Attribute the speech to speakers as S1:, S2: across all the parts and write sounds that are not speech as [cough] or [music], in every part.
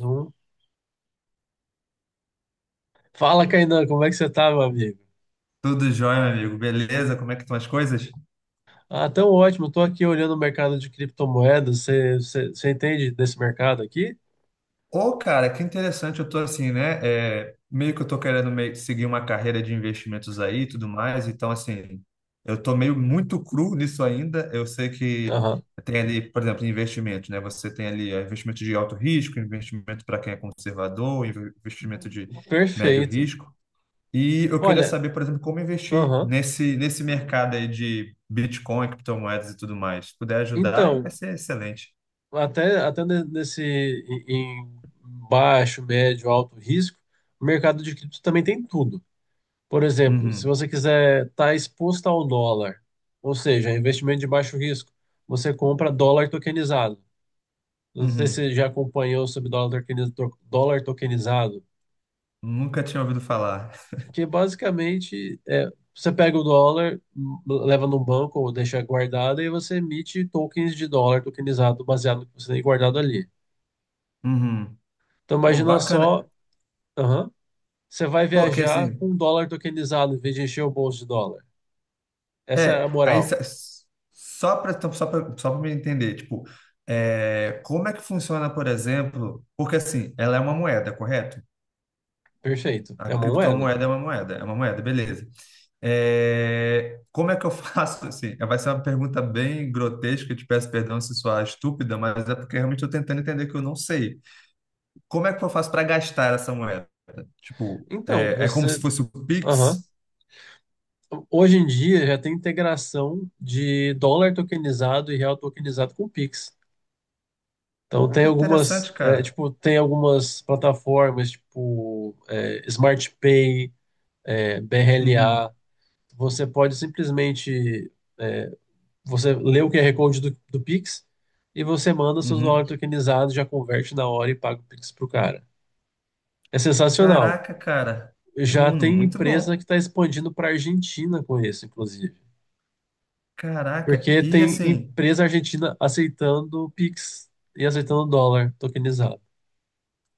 S1: Zoom. Fala, Kainan, como é que você tá, meu amigo?
S2: Tudo jóia, meu amigo. Beleza? Como é que estão as coisas?
S1: Ah, tão ótimo. Tô aqui olhando o mercado de criptomoedas. Você entende desse mercado aqui?
S2: Ô, cara, que interessante. Eu tô assim, né? Meio que eu tô querendo meio que seguir uma carreira de investimentos aí e tudo mais. Então, assim, eu tô meio muito cru nisso ainda. Eu sei que
S1: Aham.
S2: tem ali, por exemplo, investimento, né? Você tem ali investimento de alto risco, investimento para quem é conservador, investimento de médio
S1: Perfeito.
S2: risco. E eu queria
S1: Olha,
S2: saber, por exemplo, como investir
S1: aham.
S2: nesse mercado aí de Bitcoin, criptomoedas e tudo mais. Se puder ajudar, vai
S1: Então,
S2: ser excelente.
S1: até nesse em baixo, médio, alto risco, o mercado de cripto também tem tudo. Por exemplo, se
S2: Uhum,
S1: você quiser estar exposto ao dólar, ou seja, investimento de baixo risco, você compra dólar tokenizado. Não sei se
S2: uhum.
S1: você já acompanhou sobre dólar tokenizado,
S2: Nunca tinha ouvido falar.
S1: que basicamente você pega o dólar, leva num banco ou deixa guardado e você emite tokens de dólar tokenizado baseado no que você tem guardado ali.
S2: Uhum.
S1: Então
S2: Ô,
S1: imagina só,
S2: bacana.
S1: aham, você vai
S2: Pô, que
S1: viajar
S2: assim,
S1: com um dólar tokenizado em vez de encher o bolso de dólar. Essa é
S2: é,
S1: a
S2: aí
S1: moral.
S2: sa- só para me entender, tipo, como é que funciona, por exemplo, porque assim, ela é uma moeda, correto?
S1: Perfeito.
S2: A
S1: É uma moeda.
S2: criptomoeda é uma moeda, beleza. É, como é que eu [laughs] faço assim? É, vai ser uma pergunta bem grotesca, eu te peço perdão se soar estúpida, mas é porque realmente estou tentando entender que eu não sei. Como é que eu faço para gastar essa moeda? Tipo,
S1: Então,
S2: é, é como se
S1: você,
S2: fosse o
S1: aham.
S2: Pix.
S1: Hoje em dia já tem integração de dólar tokenizado e real tokenizado com o Pix. Então
S2: Oh,
S1: tem
S2: que
S1: algumas,
S2: interessante,
S1: é,
S2: cara.
S1: tipo, tem algumas plataformas, tipo Smart Pay,
S2: Uhum,
S1: BRLA. Você pode simplesmente é, você lê o QR Code do Pix e você manda seus
S2: uhum.
S1: dólares tokenizados, já converte na hora e paga o Pix pro cara. É sensacional.
S2: Caraca, cara.
S1: Já tem
S2: Muito bom.
S1: empresa que está expandindo para a Argentina com isso, inclusive.
S2: Caraca.
S1: Porque
S2: E
S1: tem
S2: assim,
S1: empresa argentina aceitando Pix e aceitando dólar tokenizado.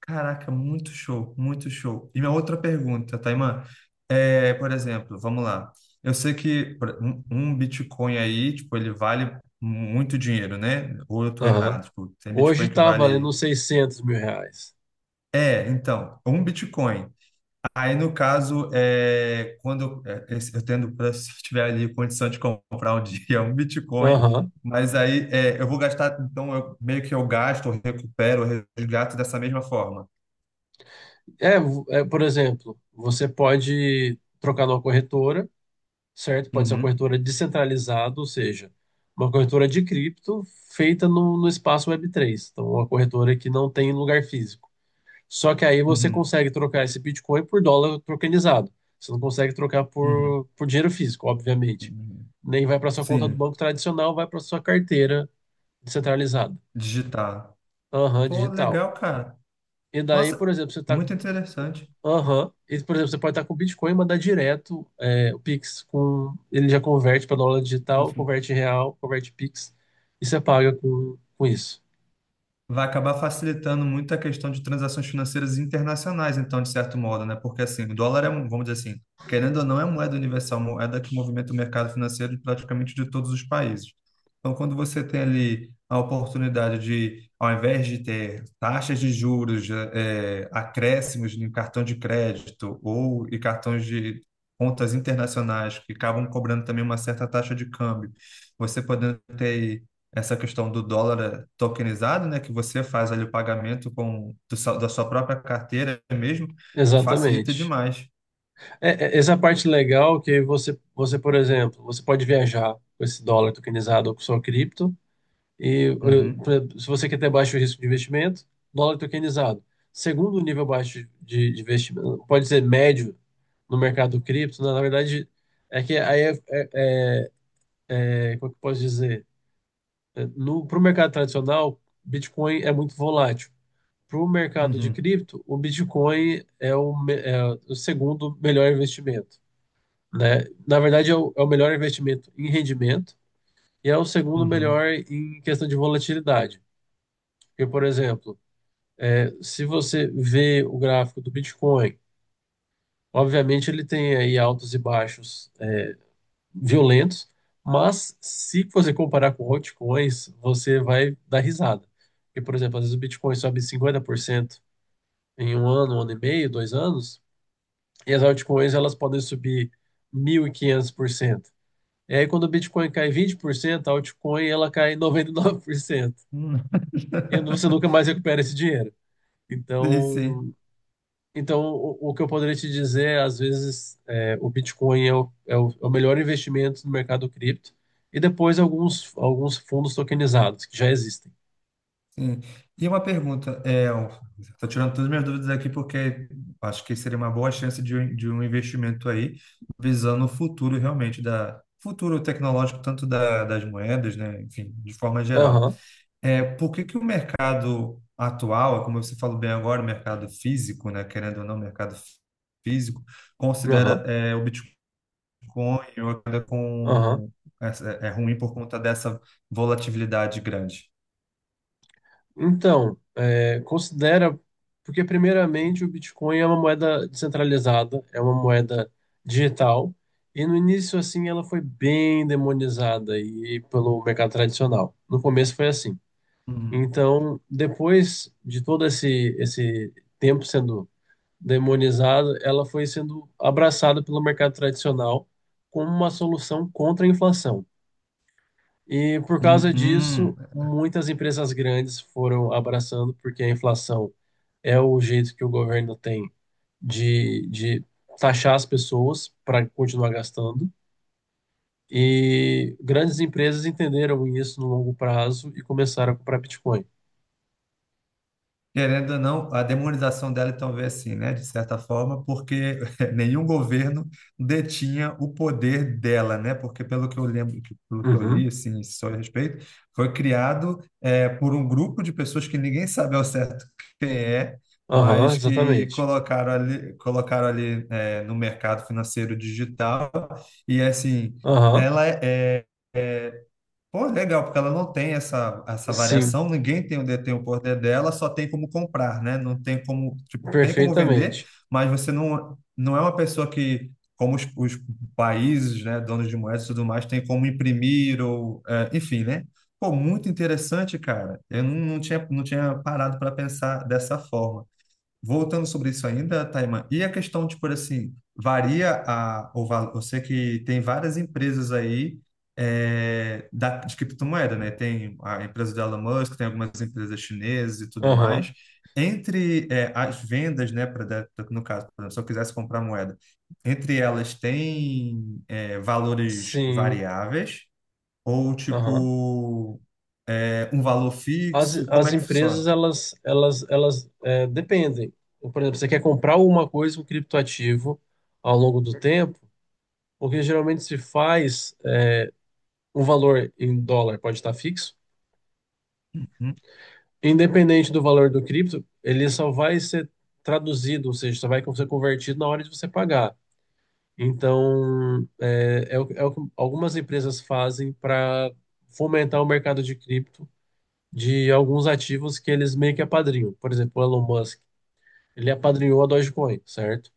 S2: caraca, muito show, muito show. E minha outra pergunta, Taimã, por exemplo, vamos lá. Eu sei que um Bitcoin aí, tipo, ele vale muito dinheiro, né? Ou eu tô
S1: Aham.
S2: errado? Tipo, tem
S1: Hoje
S2: Bitcoin que
S1: está valendo
S2: vale.
S1: uns 600 mil reais.
S2: É, então, um Bitcoin. Aí, no caso, eu tendo, se eu tiver ali condição de comprar um [laughs] dia um Bitcoin,
S1: Aham.
S2: mas aí é, eu vou gastar, então eu, meio que eu gasto, eu recupero, eu resgato dessa mesma forma.
S1: Por exemplo, você pode trocar numa corretora, certo? Pode ser uma
S2: Uhum,
S1: corretora descentralizada, ou seja, uma corretora de cripto feita no espaço web três. Então, uma corretora que não tem lugar físico. Só que aí você
S2: uhum,
S1: consegue trocar esse Bitcoin por dólar tokenizado. Você não consegue trocar
S2: uhum,
S1: por dinheiro físico, obviamente.
S2: uhum.
S1: Nem vai para sua conta do
S2: Sim,
S1: banco tradicional, vai para sua carteira descentralizada.
S2: digitar.
S1: Aham,
S2: Pô,
S1: digital.
S2: legal, cara.
S1: E daí, por
S2: Nossa,
S1: exemplo, você tá.
S2: muito interessante.
S1: Aham. E, por exemplo, você pode estar com Bitcoin e mandar direto o Pix com. Ele já converte para dólar digital, converte em real, converte Pix e você paga com isso.
S2: Vai acabar facilitando muito a questão de transações financeiras internacionais, então, de certo modo, né? Porque, assim, o dólar é, vamos dizer assim, querendo ou não, é moeda universal, moeda que movimenta o mercado financeiro de praticamente de todos os países. Então, quando você tem ali a oportunidade de, ao invés de ter taxas de juros, acréscimos em cartão de crédito ou e cartões de contas internacionais que acabam cobrando também uma certa taxa de câmbio, você podendo ter essa questão do dólar tokenizado, né, que você faz ali o pagamento da sua própria carteira mesmo, facilita
S1: Exatamente.
S2: demais.
S1: É, essa parte legal é que por exemplo, você pode viajar com esse dólar tokenizado ou com sua cripto. E eh,
S2: Uhum,
S1: pra- se você quer ter baixo risco de investimento, dólar tokenizado. Segundo nível baixo de investimento, pode ser médio no mercado cripto, na verdade, é que aí como é que eu posso dizer? É, no, para o mercado tradicional, Bitcoin é muito volátil. Para o mercado de
S2: uhum,
S1: cripto, o Bitcoin é o segundo melhor investimento, né? Na verdade, é o melhor investimento em rendimento e é o segundo
S2: uhum.
S1: melhor em questão de volatilidade. Porque, por exemplo, se você vê o gráfico do Bitcoin, obviamente ele tem aí altos e baixos violentos, mas se você comparar com altcoins, você vai dar risada. Porque, por exemplo, às vezes o Bitcoin sobe 50% em um ano e meio, dois anos, e as altcoins elas podem subir mil e quinhentos por cento. E aí quando o Bitcoin cai 20%, a altcoin ela cai 99%
S2: Hum.
S1: e você
S2: [laughs]
S1: nunca mais recupera esse dinheiro.
S2: Sim,
S1: Então,
S2: sim.
S1: Então, o que eu poderia te dizer, às vezes, o Bitcoin é o melhor investimento no mercado cripto, e depois alguns fundos tokenizados que já existem.
S2: Sim. E uma pergunta, estou tirando todas as minhas dúvidas aqui porque acho que seria uma boa chance de, de um investimento aí, visando o futuro realmente da futuro tecnológico, tanto da, das moedas, né, enfim, de forma geral.
S1: Aham,
S2: É, por que que o mercado atual, como você falou bem agora, o mercado físico, né, querendo ou não, o mercado físico, considera
S1: aham,
S2: o Bitcoin ou moeda
S1: aham.
S2: com, é, é ruim por conta dessa volatilidade grande?
S1: Então, considera, porque primeiramente o Bitcoin é uma moeda descentralizada, é uma moeda digital, e no início assim ela foi bem demonizada e pelo mercado tradicional. No começo foi assim.
S2: Hum,
S1: Então, depois de todo esse tempo sendo demonizada, ela foi sendo abraçada pelo mercado tradicional como uma solução contra a inflação. E por
S2: hum,
S1: causa disso,
S2: hum.
S1: muitas empresas grandes foram abraçando, porque a inflação é o jeito que o governo tem de taxar as pessoas para continuar gastando. E grandes empresas entenderam isso no longo prazo e começaram a comprar Bitcoin.
S2: Querendo ou não, a demonização dela então veio assim, né? De certa forma, porque [laughs] nenhum governo detinha o poder dela, né? Porque pelo que eu lembro, pelo que eu
S1: Uhum.
S2: li, assim, só a respeito, foi criado por um grupo de pessoas que ninguém sabe ao certo quem é,
S1: Aham,
S2: mas que
S1: exatamente.
S2: colocaram ali no mercado financeiro digital e assim,
S1: Aham,
S2: ela é é, pô, legal, porque ela não tem essa, essa
S1: sim,
S2: variação, ninguém tem tem o poder dela, só tem como comprar, né? Não tem como, tipo, tem como vender,
S1: perfeitamente.
S2: mas você não, não é uma pessoa que, como os países, né, donos de moedas e tudo mais, tem como imprimir ou, é, enfim, né? Pô, muito interessante, cara. Eu não, não tinha, não tinha parado para pensar dessa forma. Voltando sobre isso ainda, Taima, e a questão, tipo assim, varia a, o valor, eu sei que tem várias empresas aí da, de criptomoeda, né? Tem a empresa do Elon Musk, tem algumas empresas chinesas e tudo
S1: Aham,
S2: mais. Entre as vendas, né, no caso, por exemplo, se eu quisesse comprar moeda, entre elas tem valores
S1: sim.
S2: variáveis ou,
S1: Aham.
S2: tipo, um valor
S1: As,
S2: fixo? Como
S1: as
S2: é que funciona?
S1: empresas, dependem. Então, por exemplo, você quer comprar alguma coisa, um criptoativo, ao longo do tempo, porque geralmente se faz um valor em dólar, pode estar fixo,
S2: Hum?
S1: independente do valor do cripto, ele só vai ser traduzido, ou seja, só vai ser convertido na hora de você pagar. Então, é o que algumas empresas fazem para fomentar o mercado de cripto de alguns ativos que eles meio que apadrinham. Por exemplo, o Elon Musk. Ele apadrinhou a Dogecoin, certo?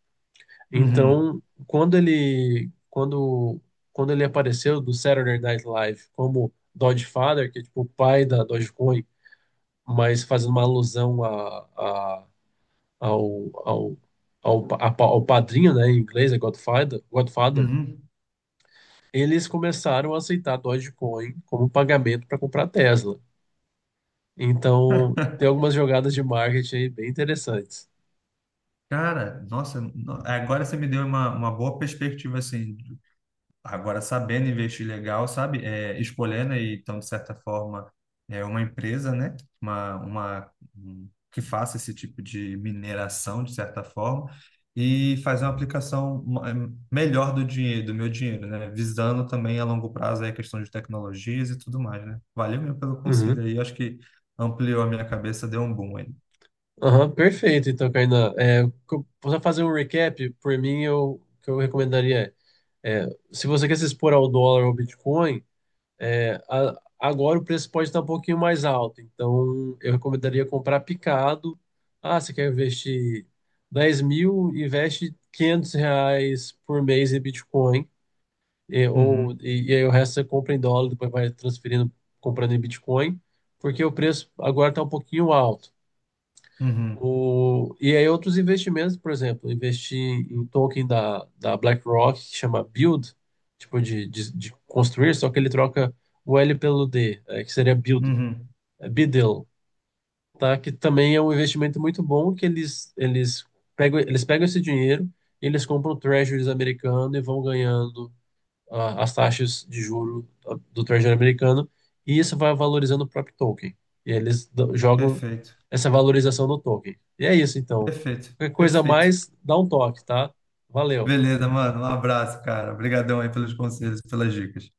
S2: Uhum,
S1: Então, quando ele quando quando ele apareceu do Saturday Night Live como Dogefather, que é tipo o pai da Dogecoin, mas fazendo uma alusão ao, ao, ao padrinho, né, em inglês é Godfather,
S2: uhum.
S1: eles começaram a aceitar Dogecoin como pagamento para comprar Tesla. Então, tem algumas jogadas de marketing aí bem interessantes.
S2: Cara, nossa, agora você me deu uma boa perspectiva, assim, agora sabendo investir legal, sabe? É, escolhendo aí, então, de certa forma, é uma empresa, né? Uma, que faça esse tipo de mineração, de certa forma, e fazer uma aplicação melhor do dinheiro, do meu dinheiro, né? Visando também a longo prazo aí a questão de tecnologias e tudo mais, né? Valeu mesmo pelo conselho
S1: Uhum.
S2: aí, acho que ampliou a minha cabeça, deu um boom aí.
S1: Aham, perfeito, então, Kainan. Para fazer um recap, por mim, o que eu recomendaria é, é, se você quer se expor ao dólar ou ao Bitcoin, agora o preço pode estar um pouquinho mais alto. Então, eu recomendaria comprar picado. Ah, você quer investir 10 mil, investe 500 reais por mês em Bitcoin. E, ou,
S2: Uhum,
S1: e, e aí o resto você compra em dólar, depois vai transferindo, comprando em Bitcoin, porque o preço agora está um pouquinho alto.
S2: uhum,
S1: E aí outros investimentos, por exemplo, investir em token da BlackRock, que chama Build, tipo de construir, só que ele troca o L pelo D, que seria Build,
S2: uhum.
S1: é Biddle, tá? Que também é um investimento muito bom, que eles pegam esse dinheiro, eles compram treasuries americano e vão ganhando as taxas de juro do Treasury americano e isso vai valorizando o próprio token. E eles jogam
S2: Perfeito.
S1: essa valorização no token. E é isso, então.
S2: Perfeito,
S1: Qualquer coisa a
S2: perfeito.
S1: mais, dá um toque, tá? Valeu.
S2: Beleza, mano. Um abraço, cara. Obrigadão aí pelos conselhos, pelas dicas.